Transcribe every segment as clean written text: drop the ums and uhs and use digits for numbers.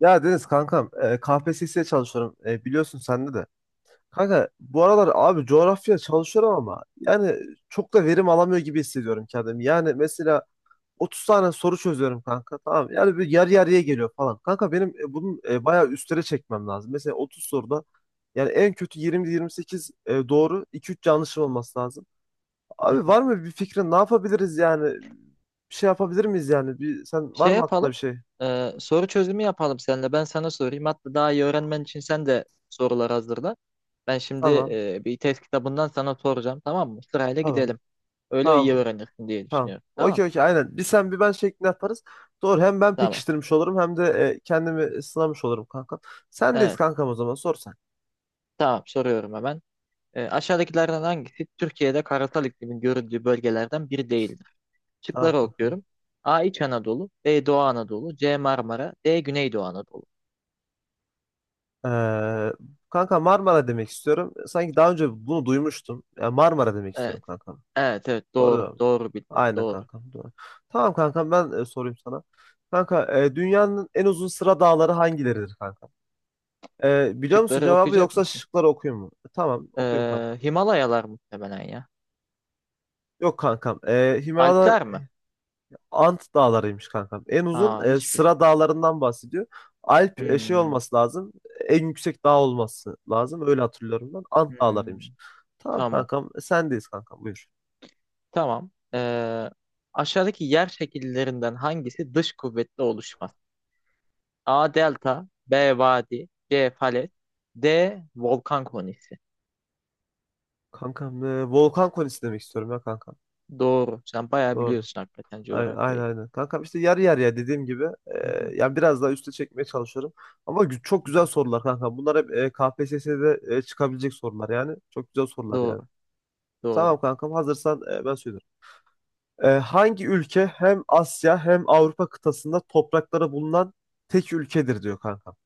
Ya Deniz kankam, KPSS'ye çalışıyorum, biliyorsun sende de. Kanka bu aralar abi coğrafya çalışıyorum ama yani çok da verim alamıyor gibi hissediyorum kendimi. Yani mesela 30 tane soru çözüyorum kanka, tamam mı? Yani bir yarı yarıya geliyor falan. Kanka benim bunun bayağı üstlere çekmem lazım. Mesela 30 soruda yani en kötü 20-28 doğru, 2-3 yanlışım olması lazım. Hı Abi, hı. var mı bir fikrin, ne yapabiliriz yani? Bir şey yapabilir miyiz yani? Bir, sen var Şey mı aklında yapalım. bir şey? Soru çözümü yapalım seninle. Ben sana sorayım. Hatta daha iyi öğrenmen için sen de sorular hazırla. Ben şimdi Tamam, bir test kitabından sana soracağım. Tamam mı? Sırayla tamam, gidelim. Öyle iyi tamam. öğrenirsin diye Tamam. düşünüyorum. Okey, Tamam. okey, aynen. Bir sen bir ben şeklinde yaparız. Doğru. Hem ben Tamam. pekiştirmiş olurum hem de kendimi sınamış olurum kanka. Sendeyiz Evet. kankam, o zaman sor sen. Tamam. Soruyorum hemen. Aşağıdakilerden hangisi Türkiye'de karasal iklimin görüldüğü bölgelerden biri değildir? Tamam Şıkları kanka. okuyorum. A. İç Anadolu. B. Doğu Anadolu. C. Marmara. D. Güneydoğu Anadolu. Ee, kanka Marmara demek istiyorum. Sanki daha önce bunu duymuştum. Yani Marmara demek istiyorum Evet. kankam. Evet. Evet. Doğru değil Doğru. mi? Doğru bildin. Aynen Doğru. kankam, doğru. Tamam kankam, ben sorayım sana. Kanka, dünyanın en uzun sıra dağları hangileridir kankam? Biliyor musun Şıkları cevabı, okuyacak yoksa mısın? şıkları okuyayım mı? Tamam, okuyayım kankam. Himalayalar muhtemelen ya. Yok kankam. Alpler mi? Ant dağlarıymış kankam. En uzun Aa, hiçbir. sıra dağlarından bahsediyor. Alp şey Hmm. olması lazım. En yüksek dağ olması lazım. Öyle hatırlıyorum ben. Ant Hmm. dağlarıymış. Tamam Tamam. kankam. Sendeyiz kankam. Buyur. Tamam. Aşağıdaki yer şekillerinden hangisi dış kuvvetle oluşmaz? A. Delta. B. Vadi. C. Falet. D. Volkan konisi. Kankam, volkan konisi demek istiyorum ya kankam. Doğru. Sen bayağı Doğru. biliyorsun hakikaten Aynen, aynen, coğrafyayı. aynen. Kankam işte yarı yarıya dediğim gibi, Hı hı. yani biraz daha üste çekmeye çalışıyorum. Ama çok Hı güzel hı. sorular kankam. Bunlar hep KPSS'de çıkabilecek sorular yani. Çok güzel sorular yani. Doğru. Doğru. Tamam kankam, hazırsan ben söylüyorum. Hangi ülke hem Asya hem Avrupa kıtasında toprakları bulunan tek ülkedir diyor kankam.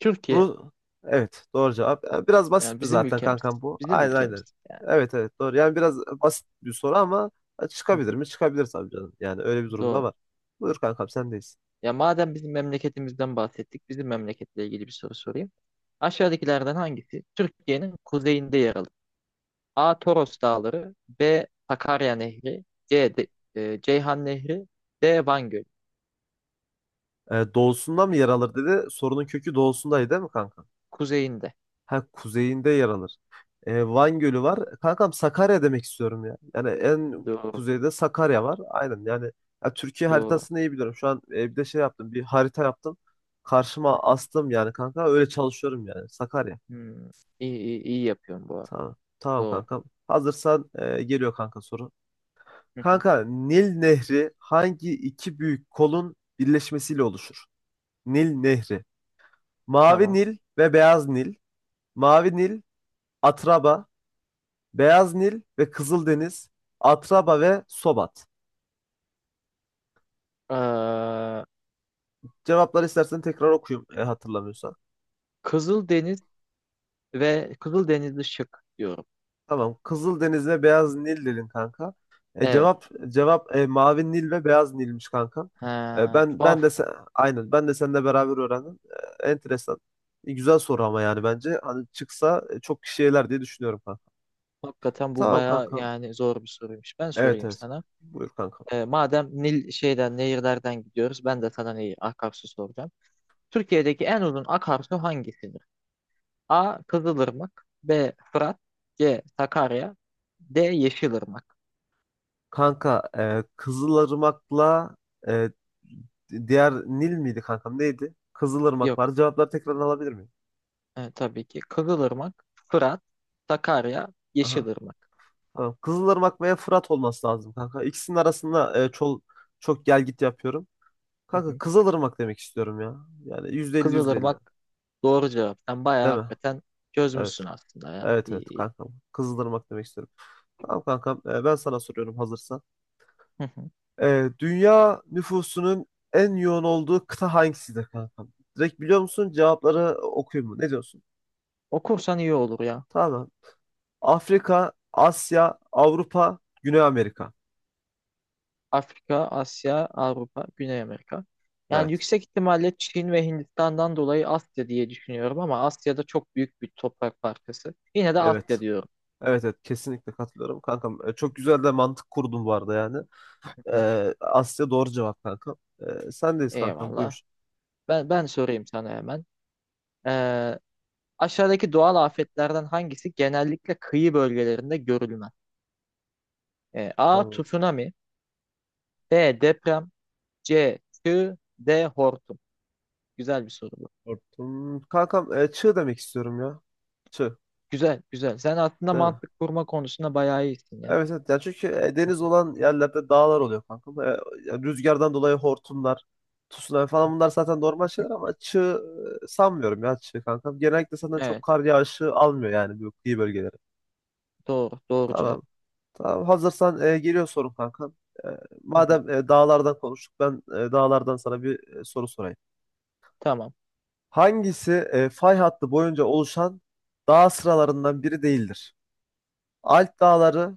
Türkiye. Bu, evet, doğru cevap. Biraz Yani basitti bizim zaten ülkemiz. kankam bu. Bizim Aynen, aynen. ülkemiz. Yani. Evet evet, doğru. Yani biraz basit bir soru ama Hı çıkabilir hı. mi? Çıkabilir tabii canım. Yani öyle bir durumda Doğru. var. Buyur kankam, sendeyiz. Ya madem bizim memleketimizden bahsettik, bizim memleketle ilgili bir soru sorayım. Aşağıdakilerden hangisi Türkiye'nin kuzeyinde yer alır? A. Toros Dağları, B. Sakarya Nehri, C. Ceyhan Nehri, D. Van Gölü. Doğusunda mı yer alır dedi. Sorunun kökü doğusundaydı değil mi kanka? Kuzeyinde. Ha, kuzeyinde yer alır. Van Gölü var. Kankam Sakarya demek istiyorum ya. Yani en Doğru, kuzeyde Sakarya var. Aynen yani, ya Türkiye doğru. haritasını iyi biliyorum. Şu an bir de şey yaptım. Bir harita yaptım. Hı Karşıma hı. astım yani kanka. Öyle çalışıyorum yani. Sakarya. Hmm. İyi, iyi, iyi yapıyorum bu arada. Tamam. Tamam Doğru. kankam. Hazırsan geliyor kanka soru. Hı hı. Kanka, Nil Nehri hangi iki büyük kolun birleşmesiyle oluşur? Nil Nehri. Mavi Tamam. Nil ve Beyaz Nil. Mavi Nil, Atraba, Beyaz Nil ve Kızıldeniz, Atraba ve Sobat. Ee, Cevapları istersen tekrar okuyayım, hatırlamıyorsan. Kızıldeniz ve Kızıldenizli şık diyorum. Tamam. Kızıldeniz ve Beyaz Nil dedin kanka. Evet. Mavi Nil ve Beyaz Nil'miş kanka. E, Ha, ben ben de tuhaf. sen, aynen ben de seninle beraber öğrendim. Enteresan. Güzel soru ama yani, bence hani çıksa çok kişi eler diye düşünüyorum kanka. Hakikaten bu Tamam baya kanka. yani zor bir soruymuş. Ben Evet sorayım evet. sana. Buyur kanka. Madem Nil şeyden nehirlerden gidiyoruz, ben de sana neyi akarsu soracağım. Türkiye'deki en uzun akarsu hangisidir? A. Kızılırmak, B. Fırat, C. Sakarya, D. Yeşilırmak. Kanka, Kızılırmak'la e, diğer Nil miydi kankam neydi? Kızılırmak Yok, var. Cevapları tekrardan alabilir miyim? Tabii ki. Kızılırmak, Fırat, Sakarya, Aha. Yeşilırmak. Tamam. Kızılırmak veya Fırat olması lazım kanka. İkisinin arasında çok, çok gel git yapıyorum. Hı Kanka hı. Kızılırmak demek istiyorum ya. Yani %50 %50. Kızılırmak doğru cevap. Sen bayağı Değil mi? hakikaten çözmüşsün Evet. aslında ya. Evet İyi, evet iyi. kankam. Kızılırmak demek istiyorum. Tamam kankam, ben sana soruyorum hazırsan. Hı hı. Dünya nüfusunun en yoğun olduğu kıta hangisidir kankam? Direkt biliyor musun? Cevapları okuyayım mı? Ne diyorsun? Okursan iyi olur ya. Tamam. Afrika, Asya, Avrupa, Güney Amerika. Afrika, Asya, Avrupa, Güney Amerika. Yani Evet. yüksek ihtimalle Çin ve Hindistan'dan dolayı Asya diye düşünüyorum, ama Asya'da çok büyük bir toprak parçası. Yine de Evet. Asya diyorum. Evet evet, kesinlikle katılıyorum kankam. Çok güzel de mantık kurdun bu arada yani. Hı hı. Asya doğru cevap kankam. Sendeyiz kankam, Eyvallah. buyur. Ben sorayım sana hemen. Ee, Aşağıdaki doğal afetlerden hangisi genellikle kıyı bölgelerinde görülmez? A. Tamam. Tsunami, B. Deprem, C. Çığ, D. Hortum. Güzel bir soru bu. Korktum. Kankam, çığ demek istiyorum ya. Çığ. Güzel, güzel. Sen aslında Değil mi? mantık kurma konusunda bayağı iyisin ya. Evet evet ya, çünkü deniz olan yerlerde dağlar oluyor kanka. Ya rüzgardan dolayı hortumlar, tsunami falan bunlar zaten normal şeyler, ama çığ, sanmıyorum ya çığ kanka. Genellikle zaten çok Evet, kar yağışı almıyor yani bu kıyı bölgeleri. doğru, doğru cevap. Tamam. Tamam, hazırsan geliyor sorun kanka. E, Hı hı. madem dağlardan konuştuk, ben dağlardan sana bir soru sorayım. Tamam. Hangisi fay hattı boyunca oluşan dağ sıralarından biri değildir? Alp dağları,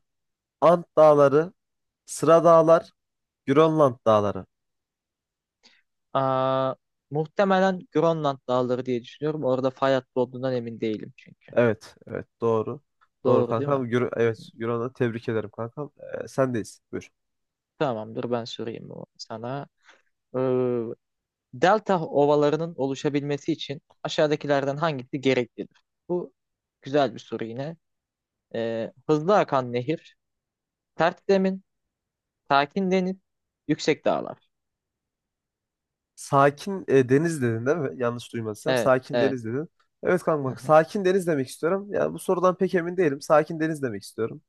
Ant dağları, Sıra dağlar, Grönland dağları. Aa, muhtemelen Grönland dağları diye düşünüyorum. Orada fay hattı olduğundan emin değilim çünkü. Evet, evet doğru. Doğru Doğru değil kankam. mi? Euro'na tebrik ederim kankam. Sendeyiz. Buyur. Tamamdır, ben sorayım bunu sana. Ee, Delta ovalarının oluşabilmesi için aşağıdakilerden hangisi gereklidir? Bu güzel bir soru yine. Hızlı akan nehir, tert zemin, sakin deniz, yüksek dağlar. Sakin deniz dedin değil mi? Yanlış duymadıysam. Evet, Sakin evet. deniz dedin. Evet Hı kankam. hı. Sakin deniz demek istiyorum. Yani bu sorudan pek emin değilim. Sakin deniz demek istiyorum.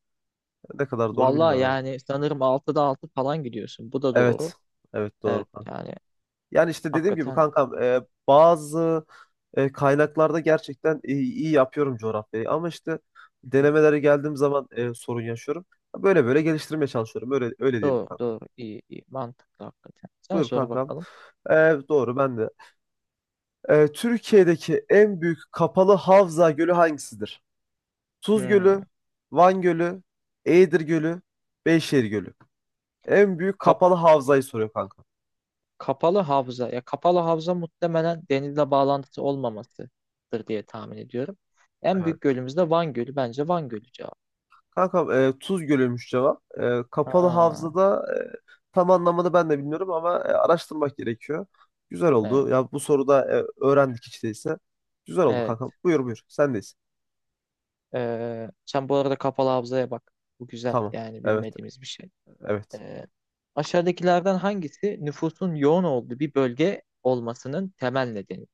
Ne kadar doğru Vallahi bilmiyorum ama. yani sanırım 6'da 6 falan gidiyorsun. Bu da doğru. Evet. Evet doğru Evet kanka. yani, Yani işte dediğim gibi hakikaten. kankam, bazı kaynaklarda gerçekten iyi yapıyorum coğrafyayı. Ama işte denemelere geldiğim zaman sorun yaşıyorum. Böyle böyle geliştirmeye çalışıyorum. Öyle öyle diyelim Doğru, kanka. doğru. iyi iyi. Mantıklı hakikaten. Sen Buyur sor kankam. bakalım. Doğru ben de. Türkiye'deki en büyük kapalı havza gölü hangisidir? Tuz Hmm. Gölü, Van Gölü, Eğirdir Gölü, Beyşehir Gölü. En büyük Kap kapalı havzayı soruyor kanka. Kapalı havza. Ya kapalı havza muhtemelen denizle bağlantısı olmamasıdır diye tahmin ediyorum. En Evet. büyük gölümüz de Van Gölü. Bence Van Gölü cevap. Kankam, Tuz Gölü'ymüş cevap. Kapalı Ha, havzada tam anlamını ben de bilmiyorum ama araştırmak gerekiyor. Güzel oldu. evet. Ya bu soruda öğrendik hiç değilse. Güzel oldu kankam. Evet. Buyur, buyur. Sendeyiz. Sen bu arada kapalı havzaya bak. Bu güzel, Tamam. yani Evet. bilmediğimiz bir şey. Evet. Ee, Aşağıdakilerden hangisi nüfusun yoğun olduğu bir bölge olmasının temel nedeni?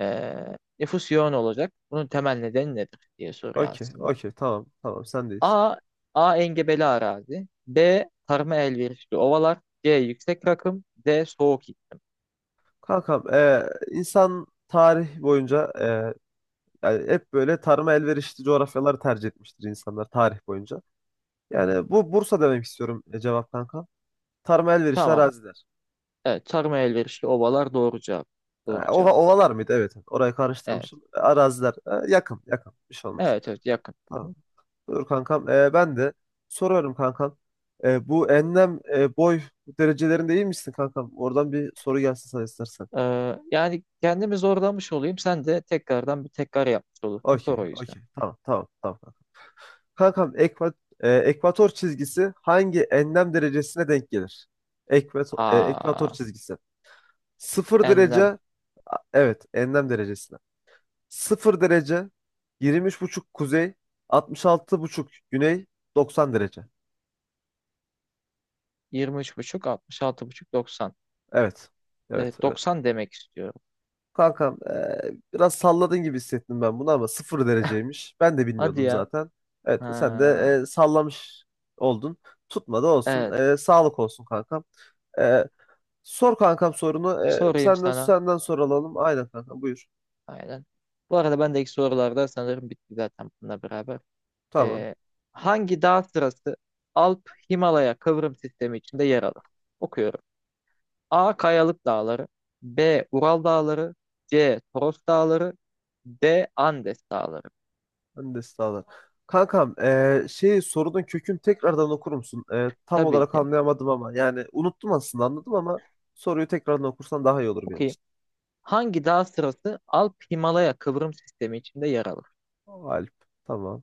Nüfus yoğun olacak. Bunun temel nedeni nedir diye soruyor Okey. aslında. Okey. Tamam. Tamam. Sendeyiz. A. A. Engebeli arazi. B. Tarıma elverişli ovalar. C. Yüksek rakım. D. Soğuk iklim. Kankam, insan tarih boyunca, yani hep böyle tarıma elverişli coğrafyaları tercih etmiştir insanlar tarih boyunca. Hı hı. Yani bu Bursa demek istiyorum, cevap kanka. Tarıma elverişli Tamam. araziler. Evet. Tarıma elverişli ovalar doğru cevap. Ha, Doğru cevap. ovalar mıydı? Evet, evet. Orayı Evet. karıştırmışım. Araziler. Yakın, yakın. Bir şey olmaz. Evet, evet, yakın. Hı Tamam. hı. Buyur kankam. Ben de soruyorum kankam. Bu enlem, boy derecelerinde iyi misin kankam? Oradan bir soru gelsin sana istersen. Yani kendimi zorlamış olayım. Sen de tekrardan bir tekrar yapmış olursun. Sor Okey, o yüzden. okey. Tamam, tamam, tamam. Kankam, ekvator çizgisi hangi enlem derecesine denk gelir? Ekvator, ekvator Aa, çizgisi. Sıfır derece, enlem. Evet, enlem derecesine. Sıfır derece, 23,5 kuzey, 66,5 güney, 90 derece. 23,5, buçuk, 90. Evet, evet, Evet, evet. 90 demek istiyorum. Kankam, biraz salladın gibi hissettim ben bunu ama sıfır dereceymiş. Ben de Hadi bilmiyordum ya. zaten. Evet, sen Ha, de sallamış oldun. Tutmadı olsun. evet. Sağlık olsun kankam. E, Sor kankam sorunu. Sorayım senden sana. senden soru alalım. Aynen kankam, buyur. Aynen. Bu arada ben de ilk sorularda sanırım bitti zaten bununla beraber. Tamam. Ee, Hangi dağ sırası Alp Himalaya kıvrım sistemi içinde yer alır? Okuyorum. A. Kayalık Dağları, B. Ural Dağları, C. Toros Dağları, D. Andes Dağları. Ben de sağlar. Kankam, şey sorunun kökünü tekrardan okur musun? Tam Tabii olarak ki. anlayamadım ama yani unuttum, aslında anladım ama soruyu tekrardan okursan daha iyi olur benim Okuyayım. için. Hangi dağ sırası Alp Himalaya kıvrım sistemi içinde yer alır? Alp. Tamam.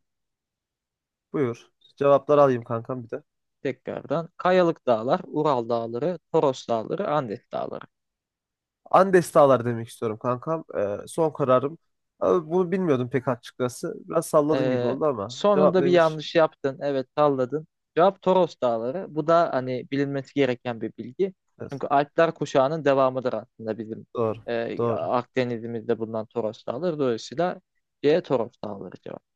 Buyur. Cevapları alayım kankam bir de. Tekrardan. Kayalık Dağlar, Ural Dağları, Toros Dağları, Andes Dağları. Andes Dağlar demek istiyorum kankam. Son kararım. Abi bunu bilmiyordum pek açıkçası. Biraz salladım gibi Ee, oldu ama. Cevap Sonunda bir neymiş? yanlış yaptın. Evet, salladın. Cevap Toros Dağları. Bu da hani bilinmesi gereken bir bilgi. Evet. Çünkü Alpler kuşağının devamıdır aslında bizim Doğru. Doğru. Akdeniz'imizde bulunan Toros Dağları. Dolayısıyla C Toros Dağları cevap.